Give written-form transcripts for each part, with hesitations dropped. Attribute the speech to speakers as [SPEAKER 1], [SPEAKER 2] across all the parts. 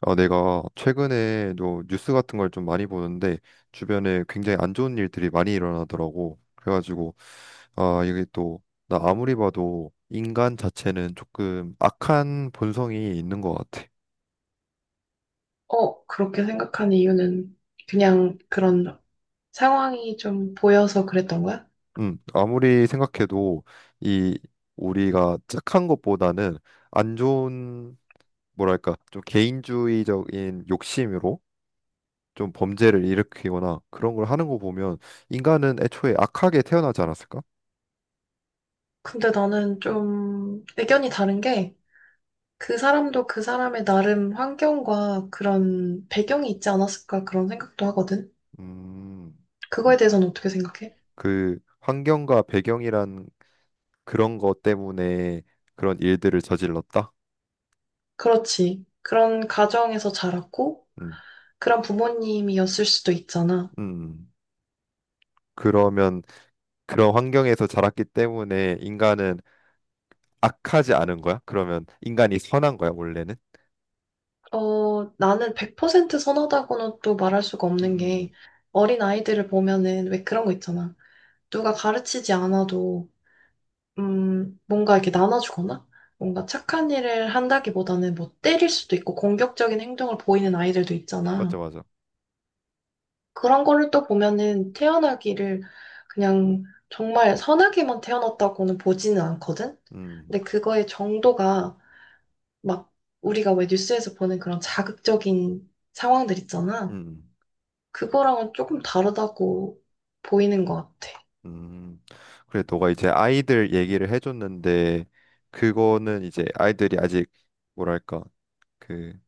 [SPEAKER 1] 아, 내가 최근에도 뉴스 같은 걸 좀 많이 보는데 주변에 굉장히 안 좋은 일들이 많이 일어나더라고. 그래가지고 아, 이게 또 나 아무리 봐도 인간 자체는 조금 악한 본성이 있는 것 같아.
[SPEAKER 2] 어, 그렇게 생각한 이유는 그냥 그런 상황이 좀 보여서 그랬던 거야?
[SPEAKER 1] 아무리 생각해도 이 우리가 착한 것보다는 안 좋은, 뭐랄까, 좀 개인주의적인 욕심으로 좀 범죄를 일으키거나 그런 걸 하는 거 보면 인간은 애초에 악하게 태어나지 않았을까?
[SPEAKER 2] 근데 나는 좀 의견이 다른 게, 그 사람도 그 사람의 나름 환경과 그런 배경이 있지 않았을까 그런 생각도 하거든.
[SPEAKER 1] 음,
[SPEAKER 2] 그거에
[SPEAKER 1] 음.
[SPEAKER 2] 대해서는 어떻게 생각해?
[SPEAKER 1] 그 환경과 배경이란 그런 것 때문에 그런 일들을 저질렀다?
[SPEAKER 2] 그렇지. 그런 가정에서 자랐고
[SPEAKER 1] 음,
[SPEAKER 2] 그런 부모님이었을 수도 있잖아.
[SPEAKER 1] 음. 음. 그러면 그런 환경에서 자랐기 때문에 인간은 악하지 않은 거야? 그러면 인간이 선한 거야, 원래는?
[SPEAKER 2] 어, 나는 100% 선하다고는 또 말할 수가 없는
[SPEAKER 1] 음.
[SPEAKER 2] 게, 어린 아이들을 보면은 왜 그런 거 있잖아. 누가 가르치지 않아도 뭔가 이렇게 나눠주거나, 뭔가 착한 일을 한다기보다는 뭐 때릴 수도 있고 공격적인 행동을 보이는 아이들도
[SPEAKER 1] 맞죠,
[SPEAKER 2] 있잖아.
[SPEAKER 1] 맞아.
[SPEAKER 2] 그런 거를 또 보면은 태어나기를 그냥 정말 선하게만 태어났다고는 보지는 않거든?
[SPEAKER 1] 음,
[SPEAKER 2] 근데 그거의 정도가 막 우리가 왜 뉴스에서 보는 그런 자극적인 상황들 있잖아.
[SPEAKER 1] 음,
[SPEAKER 2] 그거랑은 조금 다르다고 보이는 것 같아.
[SPEAKER 1] 음. 그래, 너가 이제 아이들 얘기를 해줬는데, 그거는 이제 아이들이 아직, 뭐랄까, 그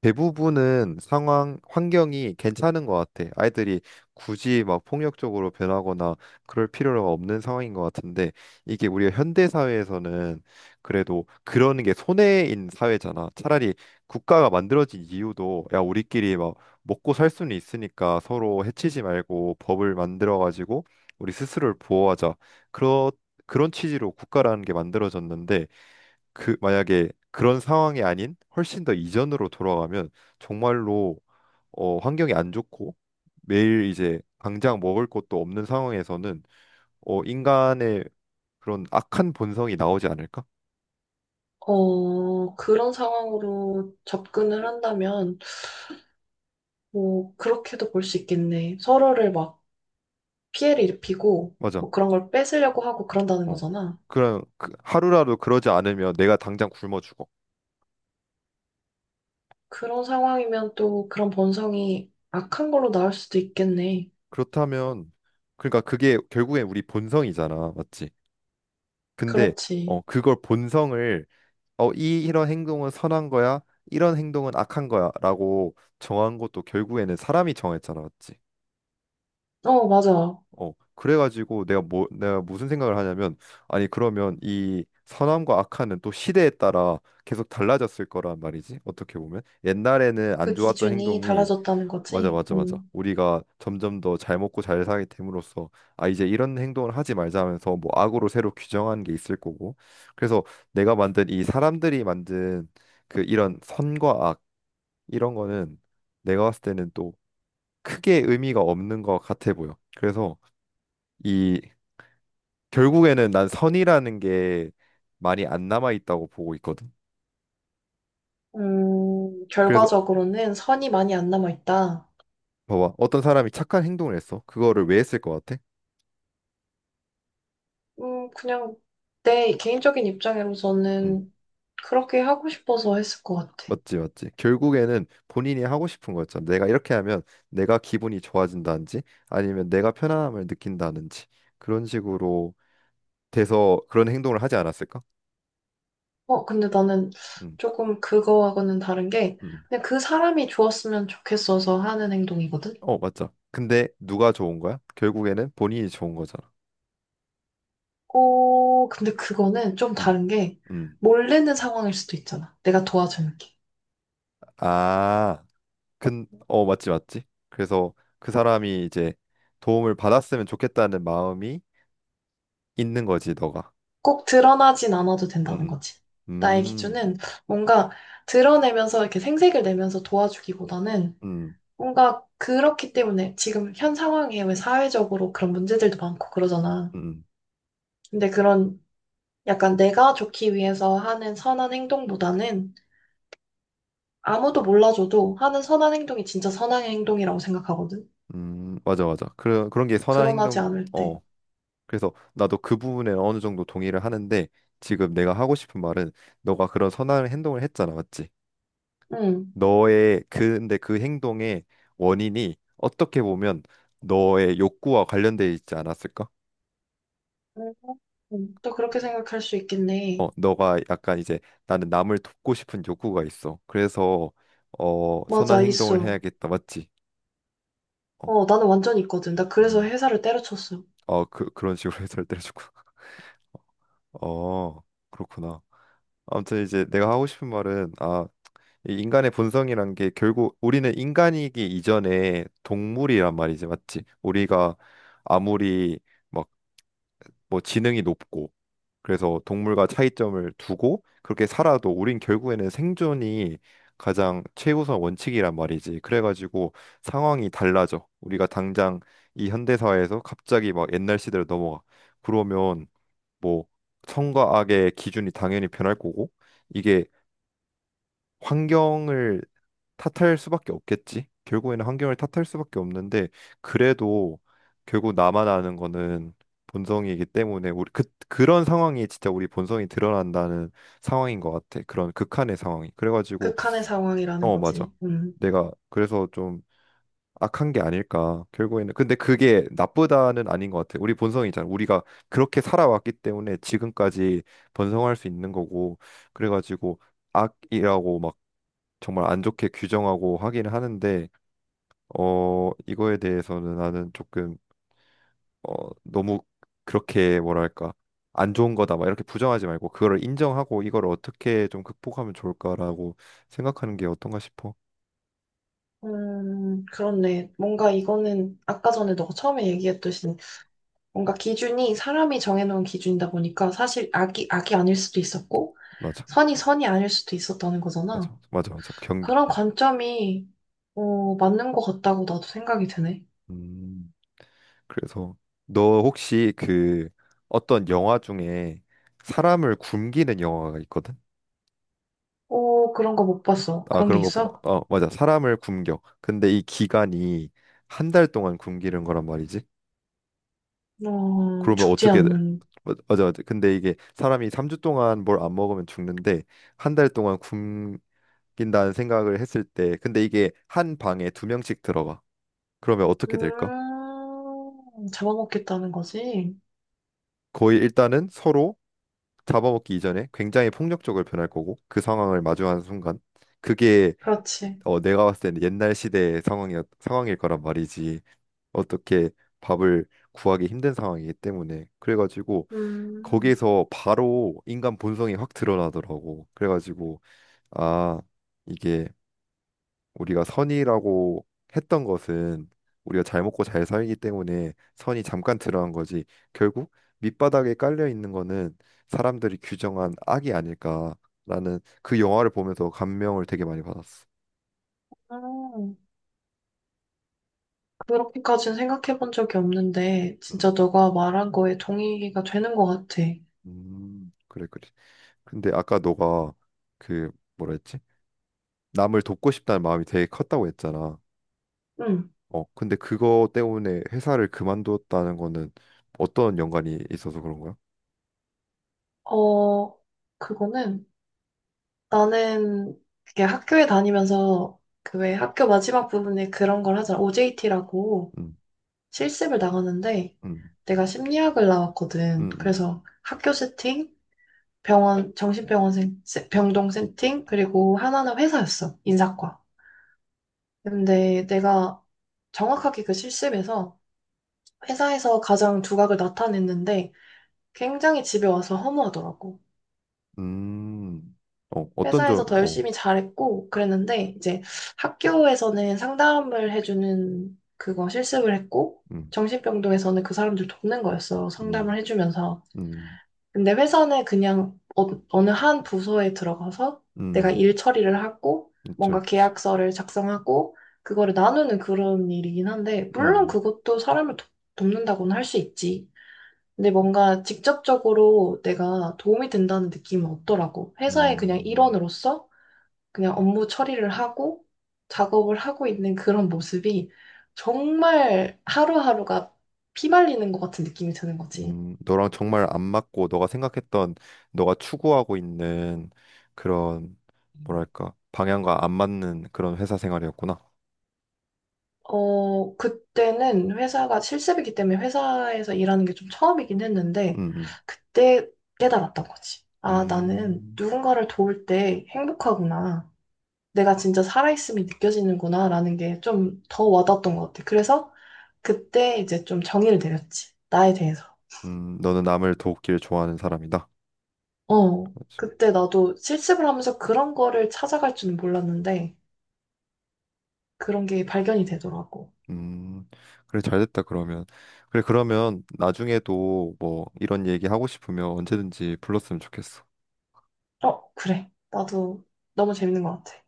[SPEAKER 1] 대부분은 상황, 환경이 괜찮은 것 같아. 아이들이 굳이 막 폭력적으로 변하거나 그럴 필요가 없는 상황인 것 같은데, 이게 우리가 현대 사회에서는 그래도 그러는 게 손해인 사회잖아. 차라리 국가가 만들어진 이유도, 야, 우리끼리 막 먹고 살 수는 있으니까 서로 해치지 말고 법을 만들어 가지고 우리 스스로를 보호하자, 그런 그런 취지로 국가라는 게 만들어졌는데, 그 만약에 그런 상황이 아닌 훨씬 더 이전으로 돌아가면 정말로, 어, 환경이 안 좋고 매일 이제 당장 먹을 것도 없는 상황에서는, 어, 인간의 그런 악한 본성이 나오지 않을까?
[SPEAKER 2] 어, 그런 상황으로 접근을 한다면 뭐, 그렇게도 볼 수 있겠네. 서로를 막 피해를 입히고, 뭐
[SPEAKER 1] 맞아.
[SPEAKER 2] 그런 걸 뺏으려고 하고 그런다는
[SPEAKER 1] 어.
[SPEAKER 2] 거잖아.
[SPEAKER 1] 그런 그 하루라도 그러지 않으면 내가 당장 굶어 죽어.
[SPEAKER 2] 그런 상황이면 또 그런 본성이 악한 걸로 나올 수도 있겠네.
[SPEAKER 1] 그렇다면, 그러니까 그게 결국엔 우리 본성이잖아. 맞지? 근데
[SPEAKER 2] 그렇지.
[SPEAKER 1] 어, 그걸, 본성을, 어, 이 이런 행동은 선한 거야, 이런 행동은 악한 거야라고 정한 것도 결국에는 사람이 정했잖아, 맞지?
[SPEAKER 2] 어, 맞아.
[SPEAKER 1] 어, 그래가지고 내가, 뭐, 내가 무슨 생각을 하냐면, 아니 그러면 이 선함과 악함은 또 시대에 따라 계속 달라졌을 거란 말이지. 어떻게 보면 옛날에는 안
[SPEAKER 2] 그
[SPEAKER 1] 좋았던
[SPEAKER 2] 기준이
[SPEAKER 1] 행동이
[SPEAKER 2] 달라졌다는
[SPEAKER 1] 맞아,
[SPEAKER 2] 거지.
[SPEAKER 1] 맞아, 맞아.
[SPEAKER 2] 음.
[SPEAKER 1] 우리가 점점 더 잘 먹고 잘 살게 됨으로써 아, 이제 이런 행동을 하지 말자 하면서 뭐 악으로 새로 규정한 게 있을 거고. 그래서 내가 만든 이 사람들이 만든 그 이런 선과 악, 이런 거는 내가 봤을 때는 또 크게 의미가 없는 것 같아 보여. 그래서 이, 결국에는 난 선이라는 게 많이 안 남아 있다고 보고 있거든. 그래서
[SPEAKER 2] 결과적으로는 선이 많이 안 남아있다.
[SPEAKER 1] 봐봐, 어떤 사람이 착한 행동을 했어. 그거를 왜 했을 것 같아?
[SPEAKER 2] 그냥 내 개인적인
[SPEAKER 1] 응.
[SPEAKER 2] 입장으로서는 그렇게 하고 싶어서 했을 것 같아.
[SPEAKER 1] 맞지, 맞지. 결국에는 본인이 하고 싶은 거였잖아. 내가 이렇게 하면 내가 기분이 좋아진다든지 아니면 내가 편안함을 느낀다든지 그런 식으로 돼서 그런 행동을 하지 않았을까?
[SPEAKER 2] 어, 근데 나는
[SPEAKER 1] 음,
[SPEAKER 2] 조금 그거하고는 다른 게,
[SPEAKER 1] 음.
[SPEAKER 2] 그냥 그 사람이 좋았으면 좋겠어서 하는 행동이거든?
[SPEAKER 1] 어, 맞죠. 근데 누가 좋은 거야? 결국에는 본인이 좋은 거잖아.
[SPEAKER 2] 어, 근데 그거는 좀
[SPEAKER 1] 음,
[SPEAKER 2] 다른 게,
[SPEAKER 1] 음.
[SPEAKER 2] 몰래는 상황일 수도 있잖아. 내가 도와줄게.
[SPEAKER 1] 아, 어, 맞지, 맞지. 그래서 그 사람이 이제 도움을 받았으면 좋겠다는 마음이 있는 거지, 너가.
[SPEAKER 2] 꼭 드러나진 않아도 된다는
[SPEAKER 1] 음,
[SPEAKER 2] 거지.
[SPEAKER 1] 음,
[SPEAKER 2] 나의
[SPEAKER 1] 음,
[SPEAKER 2] 기준은 뭔가 드러내면서 이렇게 생색을 내면서 도와주기보다는,
[SPEAKER 1] 음.
[SPEAKER 2] 뭔가 그렇기 때문에 지금 현 상황에 왜 사회적으로 그런 문제들도 많고 그러잖아.
[SPEAKER 1] 음.
[SPEAKER 2] 근데 그런, 약간 내가 좋기 위해서 하는 선한 행동보다는 아무도 몰라줘도 하는 선한 행동이 진짜 선한 행동이라고 생각하거든.
[SPEAKER 1] 맞아, 맞아. 그런 그런 게 선한
[SPEAKER 2] 드러나지
[SPEAKER 1] 행동.
[SPEAKER 2] 않을 때.
[SPEAKER 1] 어. 그래서 나도 그 부분에 어느 정도 동의를 하는데, 지금 내가 하고 싶은 말은, 너가 그런 선한 행동을 했잖아, 맞지?
[SPEAKER 2] 응.
[SPEAKER 1] 너의 그, 근데 그 행동의 원인이 어떻게 보면 너의 욕구와 관련돼 있지 않았을까?
[SPEAKER 2] 음, 또 그렇게 생각할 수
[SPEAKER 1] 어,
[SPEAKER 2] 있겠네.
[SPEAKER 1] 너가 약간 이제 나는 남을 돕고 싶은 욕구가 있어, 그래서, 어, 선한
[SPEAKER 2] 맞아,
[SPEAKER 1] 행동을
[SPEAKER 2] 있어.
[SPEAKER 1] 해야겠다, 맞지? 어,
[SPEAKER 2] 어, 나는 완전히 있거든. 나 그래서
[SPEAKER 1] 음,
[SPEAKER 2] 회사를 때려쳤어.
[SPEAKER 1] 어, 그런 식으로 해설을 해주고. 어, 그렇구나. 아무튼 이제 내가 하고 싶은 말은, 아, 이 인간의 본성이란 게, 결국 우리는 인간이기 이전에 동물이란 말이지, 맞지? 우리가 아무리 막 뭐 지능이 높고 그래서 동물과 차이점을 두고 그렇게 살아도 우린 결국에는 생존이 가장 최우선 원칙이란 말이지. 그래가지고 상황이 달라져. 우리가 당장 이 현대 사회에서 갑자기 막 옛날 시대로 넘어가. 그러면 뭐 선과 악의 기준이 당연히 변할 거고, 이게 환경을 탓할 수밖에 없겠지. 결국에는 환경을 탓할 수밖에 없는데, 그래도 결국 나만 아는 거는 본성이기 때문에, 우리 그 그런 상황이 진짜 우리 본성이 드러난다는 상황인 것 같아. 그런 극한의 상황이. 그래가지고
[SPEAKER 2] 극한의 상황이라는
[SPEAKER 1] 어 맞아.
[SPEAKER 2] 거지. 음.
[SPEAKER 1] 내가 그래서 좀 악한 게 아닐까. 결국에는, 근데 그게 나쁘다는 아닌 것 같아. 우리 본성이잖아. 우리가 그렇게 살아왔기 때문에 지금까지 번성할 수 있는 거고. 그래가지고 악이라고 막 정말 안 좋게 규정하고 하긴 하는데, 어, 이거에 대해서는 나는 조금, 어, 너무 그렇게, 뭐랄까, 안 좋은 거다 막 이렇게 부정하지 말고 그거를 인정하고 이걸 어떻게 좀 극복하면 좋을까라고 생각하는 게 어떤가 싶어.
[SPEAKER 2] 그렇네. 뭔가 이거는 아까 전에 너가 처음에 얘기했듯이 뭔가 기준이 사람이 정해놓은 기준이다 보니까 사실 악이 악이 아닐 수도 있었고
[SPEAKER 1] 맞아,
[SPEAKER 2] 선이 선이 아닐 수도 있었다는 거잖아.
[SPEAKER 1] 맞아, 맞아, 맞아. 경기.
[SPEAKER 2] 그런 관점이 어, 맞는 것 같다고 나도 생각이 드네.
[SPEAKER 1] 음. 그래서 너 혹시 그 어떤 영화 중에 사람을 굶기는 영화가 있거든?
[SPEAKER 2] 오, 그런 거 못 봤어.
[SPEAKER 1] 아,
[SPEAKER 2] 그런 게
[SPEAKER 1] 그런 거 보.
[SPEAKER 2] 있어?
[SPEAKER 1] 어, 맞아. 사람을 굶겨. 근데 이 기간이 한 달 동안 굶기는 거란 말이지.
[SPEAKER 2] 어,
[SPEAKER 1] 그러면
[SPEAKER 2] 죽지
[SPEAKER 1] 어떻게 돼?
[SPEAKER 2] 않는.
[SPEAKER 1] 맞아, 맞아. 근데 이게 사람이 3주 동안 뭘 안 먹으면 죽는데 한 달 동안 굶긴다는 생각을 했을 때, 근데 이게 한 방에 두 명씩 들어가. 그러면 어떻게 될까?
[SPEAKER 2] 잡아먹겠다는 거지.
[SPEAKER 1] 거의 일단은 서로 잡아먹기 이전에 굉장히 폭력적으로 변할 거고, 그 상황을 마주하는 순간 그게,
[SPEAKER 2] 그렇지.
[SPEAKER 1] 어, 내가 봤을 때는 옛날 시대의 상황이 상황일 거란 말이지. 어떻게 밥을 구하기 힘든 상황이기 때문에. 그래가지고
[SPEAKER 2] 음.
[SPEAKER 1] 거기에서 바로 인간 본성이 확 드러나더라고. 그래가지고 아, 이게 우리가 선이라고 했던 것은 우리가 잘 먹고 잘 살기 때문에 선이 잠깐 드러난 거지, 결국 밑바닥에 깔려 있는 거는 사람들이 규정한 악이 아닐까라는, 그 영화를 보면서 감명을 되게 많이 받았어.
[SPEAKER 2] 음, 그렇게까지는 생각해 본 적이 없는데,
[SPEAKER 1] 음,
[SPEAKER 2] 진짜 너가 말한 거에 동의가 되는 것 같아.
[SPEAKER 1] 그래 그래. 근데 아까 너가 그, 뭐라 했지? 남을 돕고 싶다는 마음이 되게 컸다고 했잖아.
[SPEAKER 2] 음,
[SPEAKER 1] 어, 근데 그거 때문에 회사를 그만두었다는 거는 어떤 연관이 있어서 그런 거야?
[SPEAKER 2] 어, 그거는, 나는 그게 학교에 다니면서 그 왜 학교 마지막 부분에 그런 걸 하잖아. OJT라고.
[SPEAKER 1] 음,
[SPEAKER 2] 실습을 나갔는데
[SPEAKER 1] 음,
[SPEAKER 2] 내가 심리학을 나왔거든.
[SPEAKER 1] 음, 음,
[SPEAKER 2] 그래서 학교 세팅, 병원, 정신병원 병동 세팅, 그리고 하나는 회사였어. 인사과. 근데 내가 정확하게 그 실습에서 회사에서 가장 두각을 나타냈는데 굉장히 집에 와서 허무하더라고.
[SPEAKER 1] 음. 어, 어떤 점,
[SPEAKER 2] 회사에서 더
[SPEAKER 1] 어,
[SPEAKER 2] 열심히 잘했고 그랬는데, 이제 학교에서는 상담을 해주는 그거 실습을 했고
[SPEAKER 1] 음,
[SPEAKER 2] 정신병동에서는 그 사람들 돕는 거였어. 상담을
[SPEAKER 1] 음,
[SPEAKER 2] 해주면서.
[SPEAKER 1] 음,
[SPEAKER 2] 근데 회사는 그냥 어, 어느 한 부서에 들어가서 내가
[SPEAKER 1] 음,
[SPEAKER 2] 일 처리를 하고
[SPEAKER 1] 그치,
[SPEAKER 2] 뭔가
[SPEAKER 1] 그치.
[SPEAKER 2] 계약서를 작성하고 그거를 나누는 그런 일이긴 한데, 물론
[SPEAKER 1] 음,
[SPEAKER 2] 그것도 돕는다고는 할 수 있지. 근데 뭔가 직접적으로 내가 도움이 된다는 느낌은 없더라고. 회사의 그냥
[SPEAKER 1] 음,
[SPEAKER 2] 일원으로서 그냥 업무 처리를 하고 작업을 하고 있는 그런 모습이 정말 하루하루가 피말리는 것 같은 느낌이 드는 거지.
[SPEAKER 1] 너랑 정말 안 맞고, 너가 생각했던, 너가 추구하고 있는 그런, 뭐랄까, 방향과 안 맞는 그런 회사 생활이었구나.
[SPEAKER 2] 어, 그때는 회사가 실습이기 때문에 회사에서 일하는 게 좀 처음이긴
[SPEAKER 1] 음,
[SPEAKER 2] 했는데,
[SPEAKER 1] 음.
[SPEAKER 2] 그때 깨달았던 거지. 아, 나는
[SPEAKER 1] 음.
[SPEAKER 2] 누군가를 도울 때 행복하구나. 내가 진짜 살아있음이 느껴지는구나, 라는 게 좀 더 와닿았던 것 같아. 그래서 그때 이제 좀 정의를 내렸지. 나에 대해서.
[SPEAKER 1] 너는 남을 돕기를 좋아하는 사람이다.
[SPEAKER 2] 어,
[SPEAKER 1] 그렇지.
[SPEAKER 2] 그때 나도 실습을 하면서 그런 거를 찾아갈 줄은 몰랐는데, 그런 게 발견이 되더라고.
[SPEAKER 1] 음, 그래, 잘 됐다, 그러면. 그래, 그러면 나중에도 뭐 이런 얘기 하고 싶으면 언제든지 불렀으면 좋겠어.
[SPEAKER 2] 어, 그래. 나도 너무 재밌는 것 같아.